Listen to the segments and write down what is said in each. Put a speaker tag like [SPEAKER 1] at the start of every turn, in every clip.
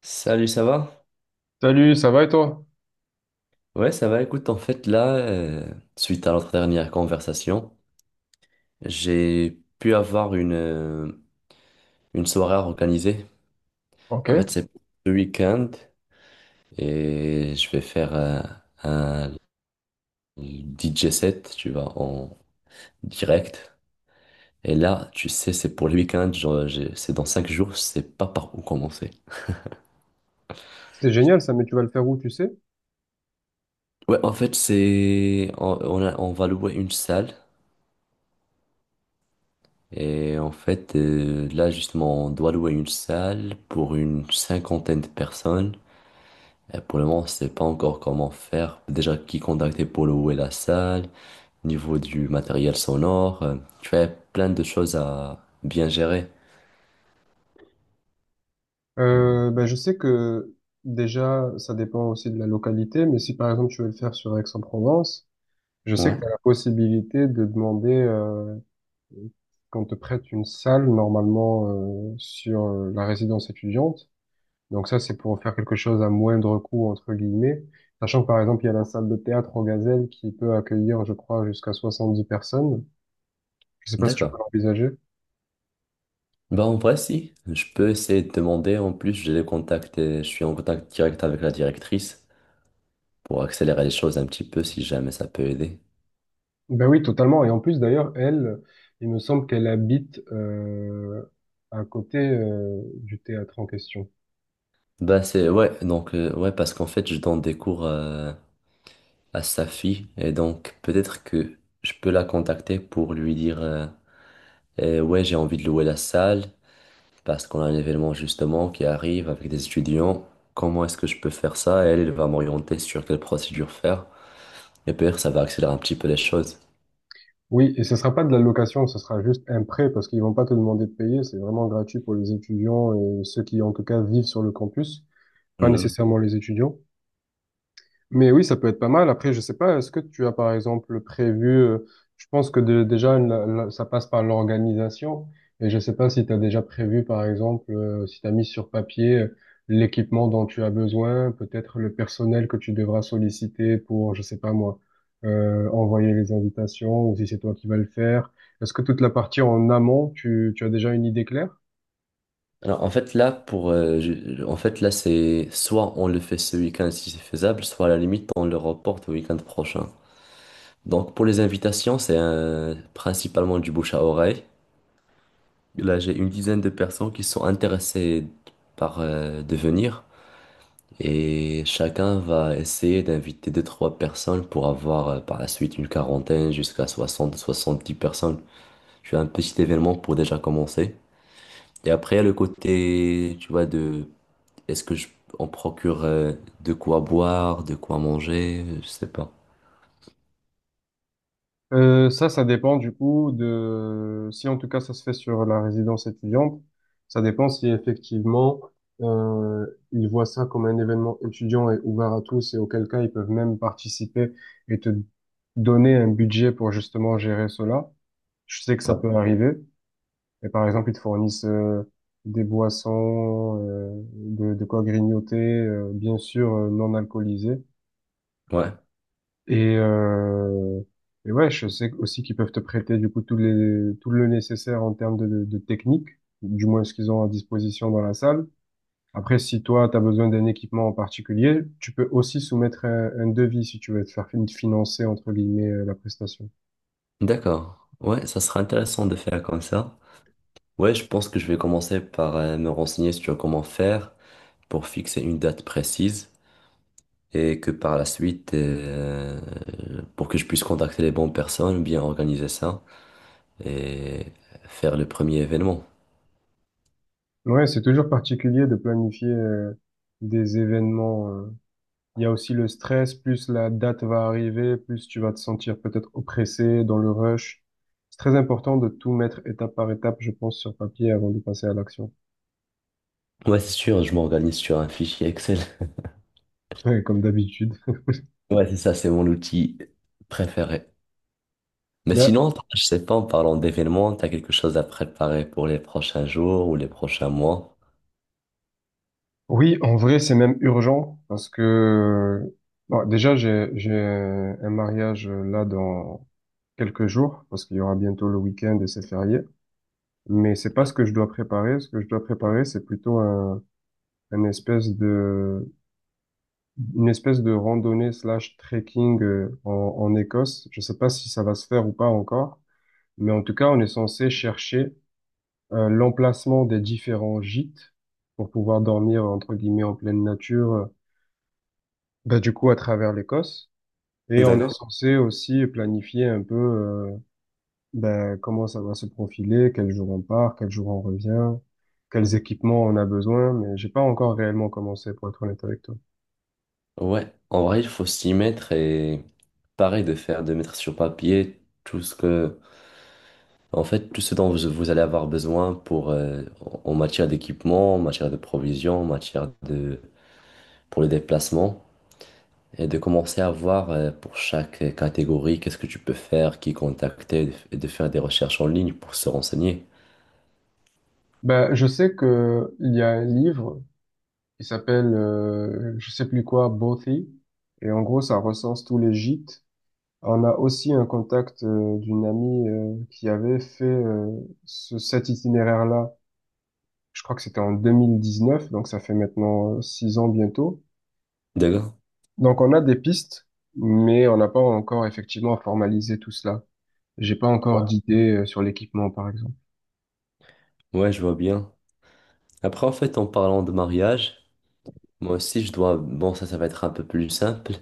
[SPEAKER 1] Salut, ça va?
[SPEAKER 2] Salut, ça va et toi?
[SPEAKER 1] Ouais, ça va. Écoute, en fait, là, suite à notre dernière conversation, j'ai pu avoir une soirée à organiser.
[SPEAKER 2] Ok,
[SPEAKER 1] En fait, c'est le week-end et je vais faire un DJ set, tu vois, en direct. Et là, tu sais, c'est pour le week-end, genre, c'est dans 5 jours, je sais pas par où commencer.
[SPEAKER 2] c'est génial ça, mais tu vas le faire où, tu sais?
[SPEAKER 1] Ouais, en fait, c'est on a- on va louer une salle. Et en fait, là justement, on doit louer une salle pour une 50aine de personnes. Et pour le moment, on ne sait pas encore comment faire. Déjà, qui contacter pour louer la salle, niveau du matériel sonore. Tu fais plein de choses à bien gérer. Hmm.
[SPEAKER 2] Je sais que déjà, ça dépend aussi de la localité, mais si par exemple tu veux le faire sur Aix-en-Provence, je sais
[SPEAKER 1] Ouais,
[SPEAKER 2] que tu as la possibilité de demander qu'on te prête une salle normalement sur la résidence étudiante. Donc ça, c'est pour faire quelque chose à moindre coût, entre guillemets. Sachant que par exemple, il y a la salle de théâtre au Gazelle qui peut accueillir, je crois, jusqu'à 70 personnes. Je sais pas si tu peux
[SPEAKER 1] d'accord.
[SPEAKER 2] l'envisager.
[SPEAKER 1] Bah en vrai, si. Je peux essayer de demander. En plus, j'ai les contacts et je suis en contact direct avec la directrice pour accélérer les choses un petit peu si jamais ça peut aider.
[SPEAKER 2] Ben oui, totalement. Et en plus, d'ailleurs, elle, il me semble qu'elle habite à côté du théâtre en question.
[SPEAKER 1] Bah c'est ouais donc ouais parce qu'en fait je donne des cours à sa fille. Et donc, peut-être que je peux la contacter pour lui dire, eh ouais, j'ai envie de louer la salle parce qu'on a un événement justement qui arrive avec des étudiants. Comment est-ce que je peux faire ça? Et elle, elle va m'orienter sur quelle procédure faire. Et peut-être ça va accélérer un petit peu les choses.
[SPEAKER 2] Oui, et ce sera pas de la location, ce sera juste un prêt parce qu'ils vont pas te demander de payer. C'est vraiment gratuit pour les étudiants et ceux qui, en tout cas, vivent sur le campus, pas
[SPEAKER 1] Mhm.
[SPEAKER 2] nécessairement les étudiants. Mais oui, ça peut être pas mal. Après, je sais pas, est-ce que tu as par exemple prévu, je pense que déjà ça passe par l'organisation et je sais pas si tu as déjà prévu par exemple si tu as mis sur papier l'équipement dont tu as besoin, peut-être le personnel que tu devras solliciter pour, je sais pas moi, envoyer les invitations ou si c'est toi qui vas le faire. Est-ce que toute la partie en amont, tu as déjà une idée claire?
[SPEAKER 1] Alors, en fait, là, pour, en fait, là, c'est soit on le fait ce week-end si c'est faisable, soit à la limite, on le reporte au week-end prochain. Donc, pour les invitations, c'est principalement du bouche à oreille. Là, j'ai une 10aine de personnes qui sont intéressées par devenir, et chacun va essayer d'inviter deux, trois personnes pour avoir par la suite une 40aine jusqu'à 60 70 personnes. Je fais un petit événement pour déjà commencer. Et après, il y a le côté, tu vois, de est-ce que je, on procure de quoi boire, de quoi manger, je sais pas.
[SPEAKER 2] Ça, ça dépend du coup de si en tout cas ça se fait sur la résidence étudiante, ça dépend si effectivement ils voient ça comme un événement étudiant et ouvert à tous et auquel cas ils peuvent même participer et te donner un budget pour justement gérer cela. Je sais que ça
[SPEAKER 1] Ouais.
[SPEAKER 2] peut arriver. Et par exemple, ils te fournissent des boissons, de quoi grignoter, bien sûr non alcoolisées.
[SPEAKER 1] Ouais.
[SPEAKER 2] Et, euh, et ouais, je sais aussi qu'ils peuvent te prêter du coup tout le nécessaire en termes de technique, du moins ce qu'ils ont à disposition dans la salle. Après, si toi, tu as besoin d'un équipement en particulier, tu peux aussi soumettre un devis si tu veux te faire financer, entre guillemets, la prestation.
[SPEAKER 1] D'accord. Ouais, ça sera intéressant de faire comme ça. Ouais, je pense que je vais commencer par me renseigner sur comment faire pour fixer une date précise, et que par la suite, pour que je puisse contacter les bonnes personnes, bien organiser ça et faire le premier événement.
[SPEAKER 2] Ouais, c'est toujours particulier de planifier des événements. Il y a aussi le stress, plus la date va arriver, plus tu vas te sentir peut-être oppressé dans le rush. C'est très important de tout mettre étape par étape, je pense, sur papier avant de passer à l'action.
[SPEAKER 1] Ouais, c'est sûr, je m'organise sur un fichier Excel.
[SPEAKER 2] Ouais, comme d'habitude.
[SPEAKER 1] Ouais, c'est ça, c'est mon outil préféré. Mais
[SPEAKER 2] Ben,
[SPEAKER 1] sinon, je sais pas, en parlant d'événements, t'as quelque chose à préparer pour les prochains jours ou les prochains mois?
[SPEAKER 2] oui, en vrai, c'est même urgent parce que bon, déjà, j'ai un mariage là dans quelques jours parce qu'il y aura bientôt le week-end et c'est férié. Mais c'est pas ce que je dois préparer. Ce que je dois préparer, c'est plutôt un espèce de une espèce de randonnée slash trekking en Écosse. Je sais pas si ça va se faire ou pas encore, mais en tout cas, on est censé chercher l'emplacement des différents gîtes pour pouvoir dormir, entre guillemets, en pleine nature, du coup, à travers l'Écosse. Et on est
[SPEAKER 1] D'accord.
[SPEAKER 2] censé aussi planifier un peu comment ça va se profiler, quel jour on part, quel jour on revient, quels équipements on a besoin, mais j'ai pas encore réellement commencé, pour être honnête avec toi.
[SPEAKER 1] Ouais, en vrai, il faut s'y mettre et pareil de faire, de mettre sur papier tout ce que... En fait, tout ce dont vous allez avoir besoin pour, en matière d'équipement, en matière de provisions, en matière de, pour le déplacement, et de commencer à voir pour chaque catégorie qu'est-ce que tu peux faire, qui contacter, et de faire des recherches en ligne pour se renseigner.
[SPEAKER 2] Ben, je sais que il y a un livre. Il s'appelle, je sais plus quoi, Bothy. Et en gros, ça recense tous les gîtes. On a aussi un contact d'une amie qui avait fait cet itinéraire-là. Je crois que c'était en 2019, donc ça fait maintenant 6 ans bientôt.
[SPEAKER 1] D'accord?
[SPEAKER 2] Donc on a des pistes, mais on n'a pas encore effectivement formalisé tout cela. J'ai pas encore
[SPEAKER 1] Ouais,
[SPEAKER 2] d'idée sur l'équipement, par exemple.
[SPEAKER 1] Ouais, je vois bien. Après, en fait, en parlant de mariage, moi aussi, je dois... Bon, ça va être un peu plus simple.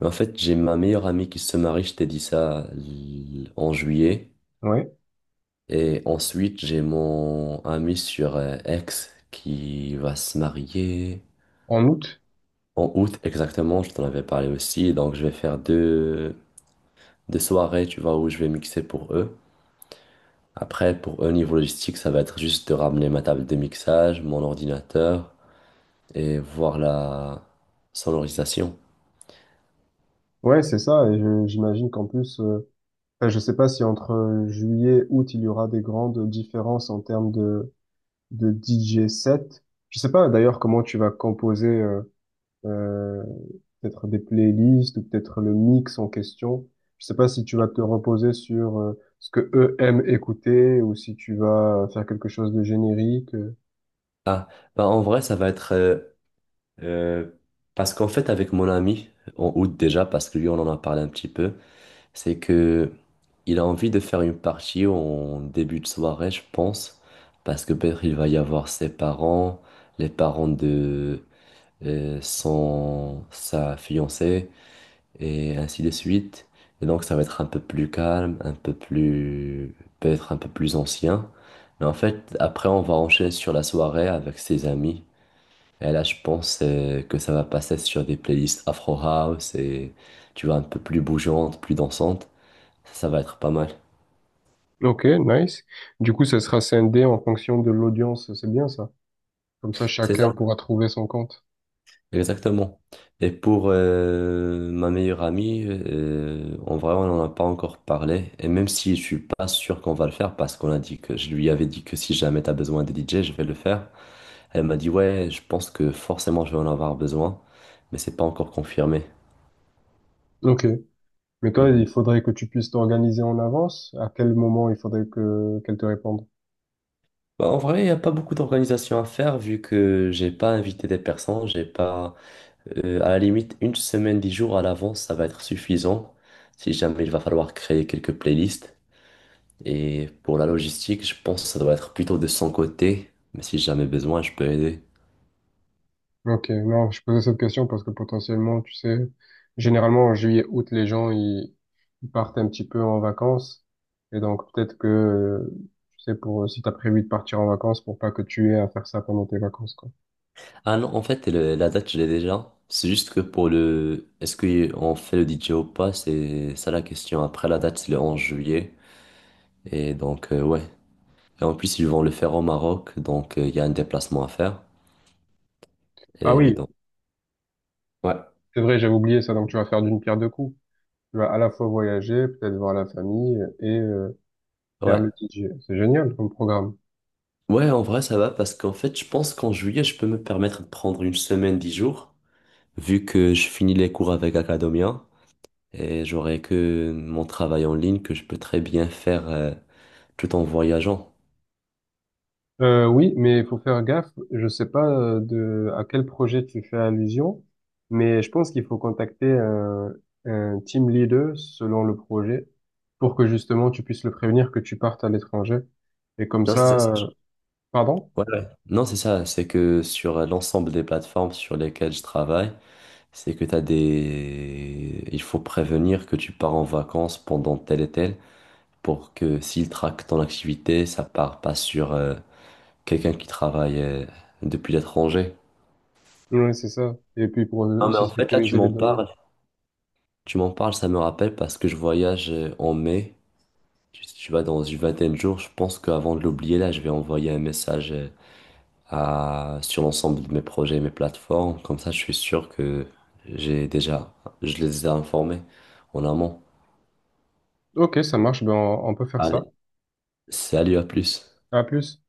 [SPEAKER 1] Mais en fait, j'ai ma meilleure amie qui se marie, je t'ai dit ça en juillet.
[SPEAKER 2] Ouais.
[SPEAKER 1] Et ensuite, j'ai mon ami sur X qui va se marier
[SPEAKER 2] En août.
[SPEAKER 1] en août exactement, je t'en avais parlé aussi. Donc, je vais faire deux soirées, tu vois, où je vais mixer pour eux. Après, pour eux, niveau logistique, ça va être juste de ramener ma table de mixage, mon ordinateur et voir la sonorisation.
[SPEAKER 2] Ouais, c'est ça. Et j'imagine qu'en plus, enfin, je ne sais pas si entre juillet, août, il y aura des grandes différences en termes de DJ set. Je ne sais pas d'ailleurs comment tu vas composer euh, peut-être des playlists ou peut-être le mix en question. Je ne sais pas si tu vas te reposer sur ce que eux aiment écouter ou si tu vas faire quelque chose de générique.
[SPEAKER 1] Ah, bah en vrai, ça va être... euh, parce qu'en fait, avec mon ami, en août déjà, parce que lui, on en a parlé un petit peu. C'est que il a envie de faire une partie en début de soirée, je pense, parce que peut-être il va y avoir ses parents, les parents de son sa fiancée et ainsi de suite. Et donc ça va être un peu plus calme, un peu plus ancien. Mais en fait, après on va enchaîner sur la soirée avec ses amis. Et là, je pense que ça va passer sur des playlists Afro House et tu vois un peu plus bougeantes, plus dansantes. Ça va être pas mal.
[SPEAKER 2] Ok, nice. Du coup, ça sera scindé en fonction de l'audience. C'est bien ça. Comme ça,
[SPEAKER 1] C'est
[SPEAKER 2] chacun
[SPEAKER 1] ça,
[SPEAKER 2] pourra trouver son compte.
[SPEAKER 1] exactement. Et pour ma meilleure amie, en vrai, on n'en a pas encore parlé. Et même si je suis pas sûr qu'on va le faire, parce qu'on a dit que je lui avais dit que si jamais tu as besoin de DJ, je vais le faire. Elle m'a dit, ouais, je pense que forcément je vais en avoir besoin, mais c'est pas encore confirmé.
[SPEAKER 2] Ok. Mais toi,
[SPEAKER 1] Mhm.
[SPEAKER 2] il faudrait que tu puisses t'organiser en avance. À quel moment il faudrait que qu'elle te réponde?
[SPEAKER 1] Bah, en vrai, il n'y a pas beaucoup d'organisation à faire vu que j'ai pas invité des personnes, j'ai pas. À la limite, une semaine, 10 jours à l'avance, ça va être suffisant si jamais il va falloir créer quelques playlists. Et pour la logistique, je pense que ça doit être plutôt de son côté, mais si jamais besoin, je peux aider.
[SPEAKER 2] Ok, non, je posais cette question parce que potentiellement, tu sais, généralement en juillet, août, ils partent un petit peu en vacances et donc peut-être que tu sais pour si t'as prévu de partir en vacances pour pas que tu aies à faire ça pendant tes vacances quoi.
[SPEAKER 1] Ah non, en fait, la date, je l'ai déjà. C'est juste que pour le... Est-ce qu'on fait le DJ ou pas? C'est ça la question. Après, la date, c'est le 11 juillet. Et donc, ouais. Et en plus, ils vont le faire au Maroc, donc il y a un déplacement à faire.
[SPEAKER 2] Ah
[SPEAKER 1] Et
[SPEAKER 2] oui,
[SPEAKER 1] donc, ouais.
[SPEAKER 2] c'est vrai, j'avais oublié ça. Donc tu vas faire d'une pierre deux coups. Tu vas à la fois voyager, peut-être voir la famille et faire
[SPEAKER 1] Ouais,
[SPEAKER 2] le DJ. C'est génial comme programme.
[SPEAKER 1] Ouais, en vrai, ça va parce qu'en fait, je pense qu'en juillet, je peux me permettre de prendre une semaine, dix jours, vu que je finis les cours avec Academia et j'aurai que mon travail en ligne que je peux très bien faire tout en voyageant.
[SPEAKER 2] Oui, mais il faut faire gaffe. Je sais pas de à quel projet tu fais allusion, mais je pense qu'il faut contacter un team leader selon le projet pour que justement tu puisses le prévenir que tu partes à l'étranger. Et comme
[SPEAKER 1] Non,
[SPEAKER 2] ça, pardon?
[SPEAKER 1] ouais, ouais. Non, c'est ça. C'est que sur l'ensemble des plateformes sur lesquelles je travaille, c'est que t'as des... Il faut prévenir que tu pars en vacances pendant tel et tel pour que s'ils traquent ton activité, ça part pas sur quelqu'un qui travaille depuis l'étranger.
[SPEAKER 2] Oui, c'est ça. Et puis pour
[SPEAKER 1] Ah, mais
[SPEAKER 2] aussi
[SPEAKER 1] en fait, là,
[SPEAKER 2] sécuriser les données.
[SPEAKER 1] Tu m'en parles, ça me rappelle parce que je voyage en mai. Tu vas dans une 20aine de jours. Je pense qu'avant de l'oublier, là, je vais envoyer un message sur l'ensemble de mes projets, mes plateformes. Comme ça, je suis sûr que j'ai déjà, je les ai informés en amont.
[SPEAKER 2] Ok, ça marche. Ben on peut faire
[SPEAKER 1] Allez,
[SPEAKER 2] ça.
[SPEAKER 1] salut, à plus.
[SPEAKER 2] À plus.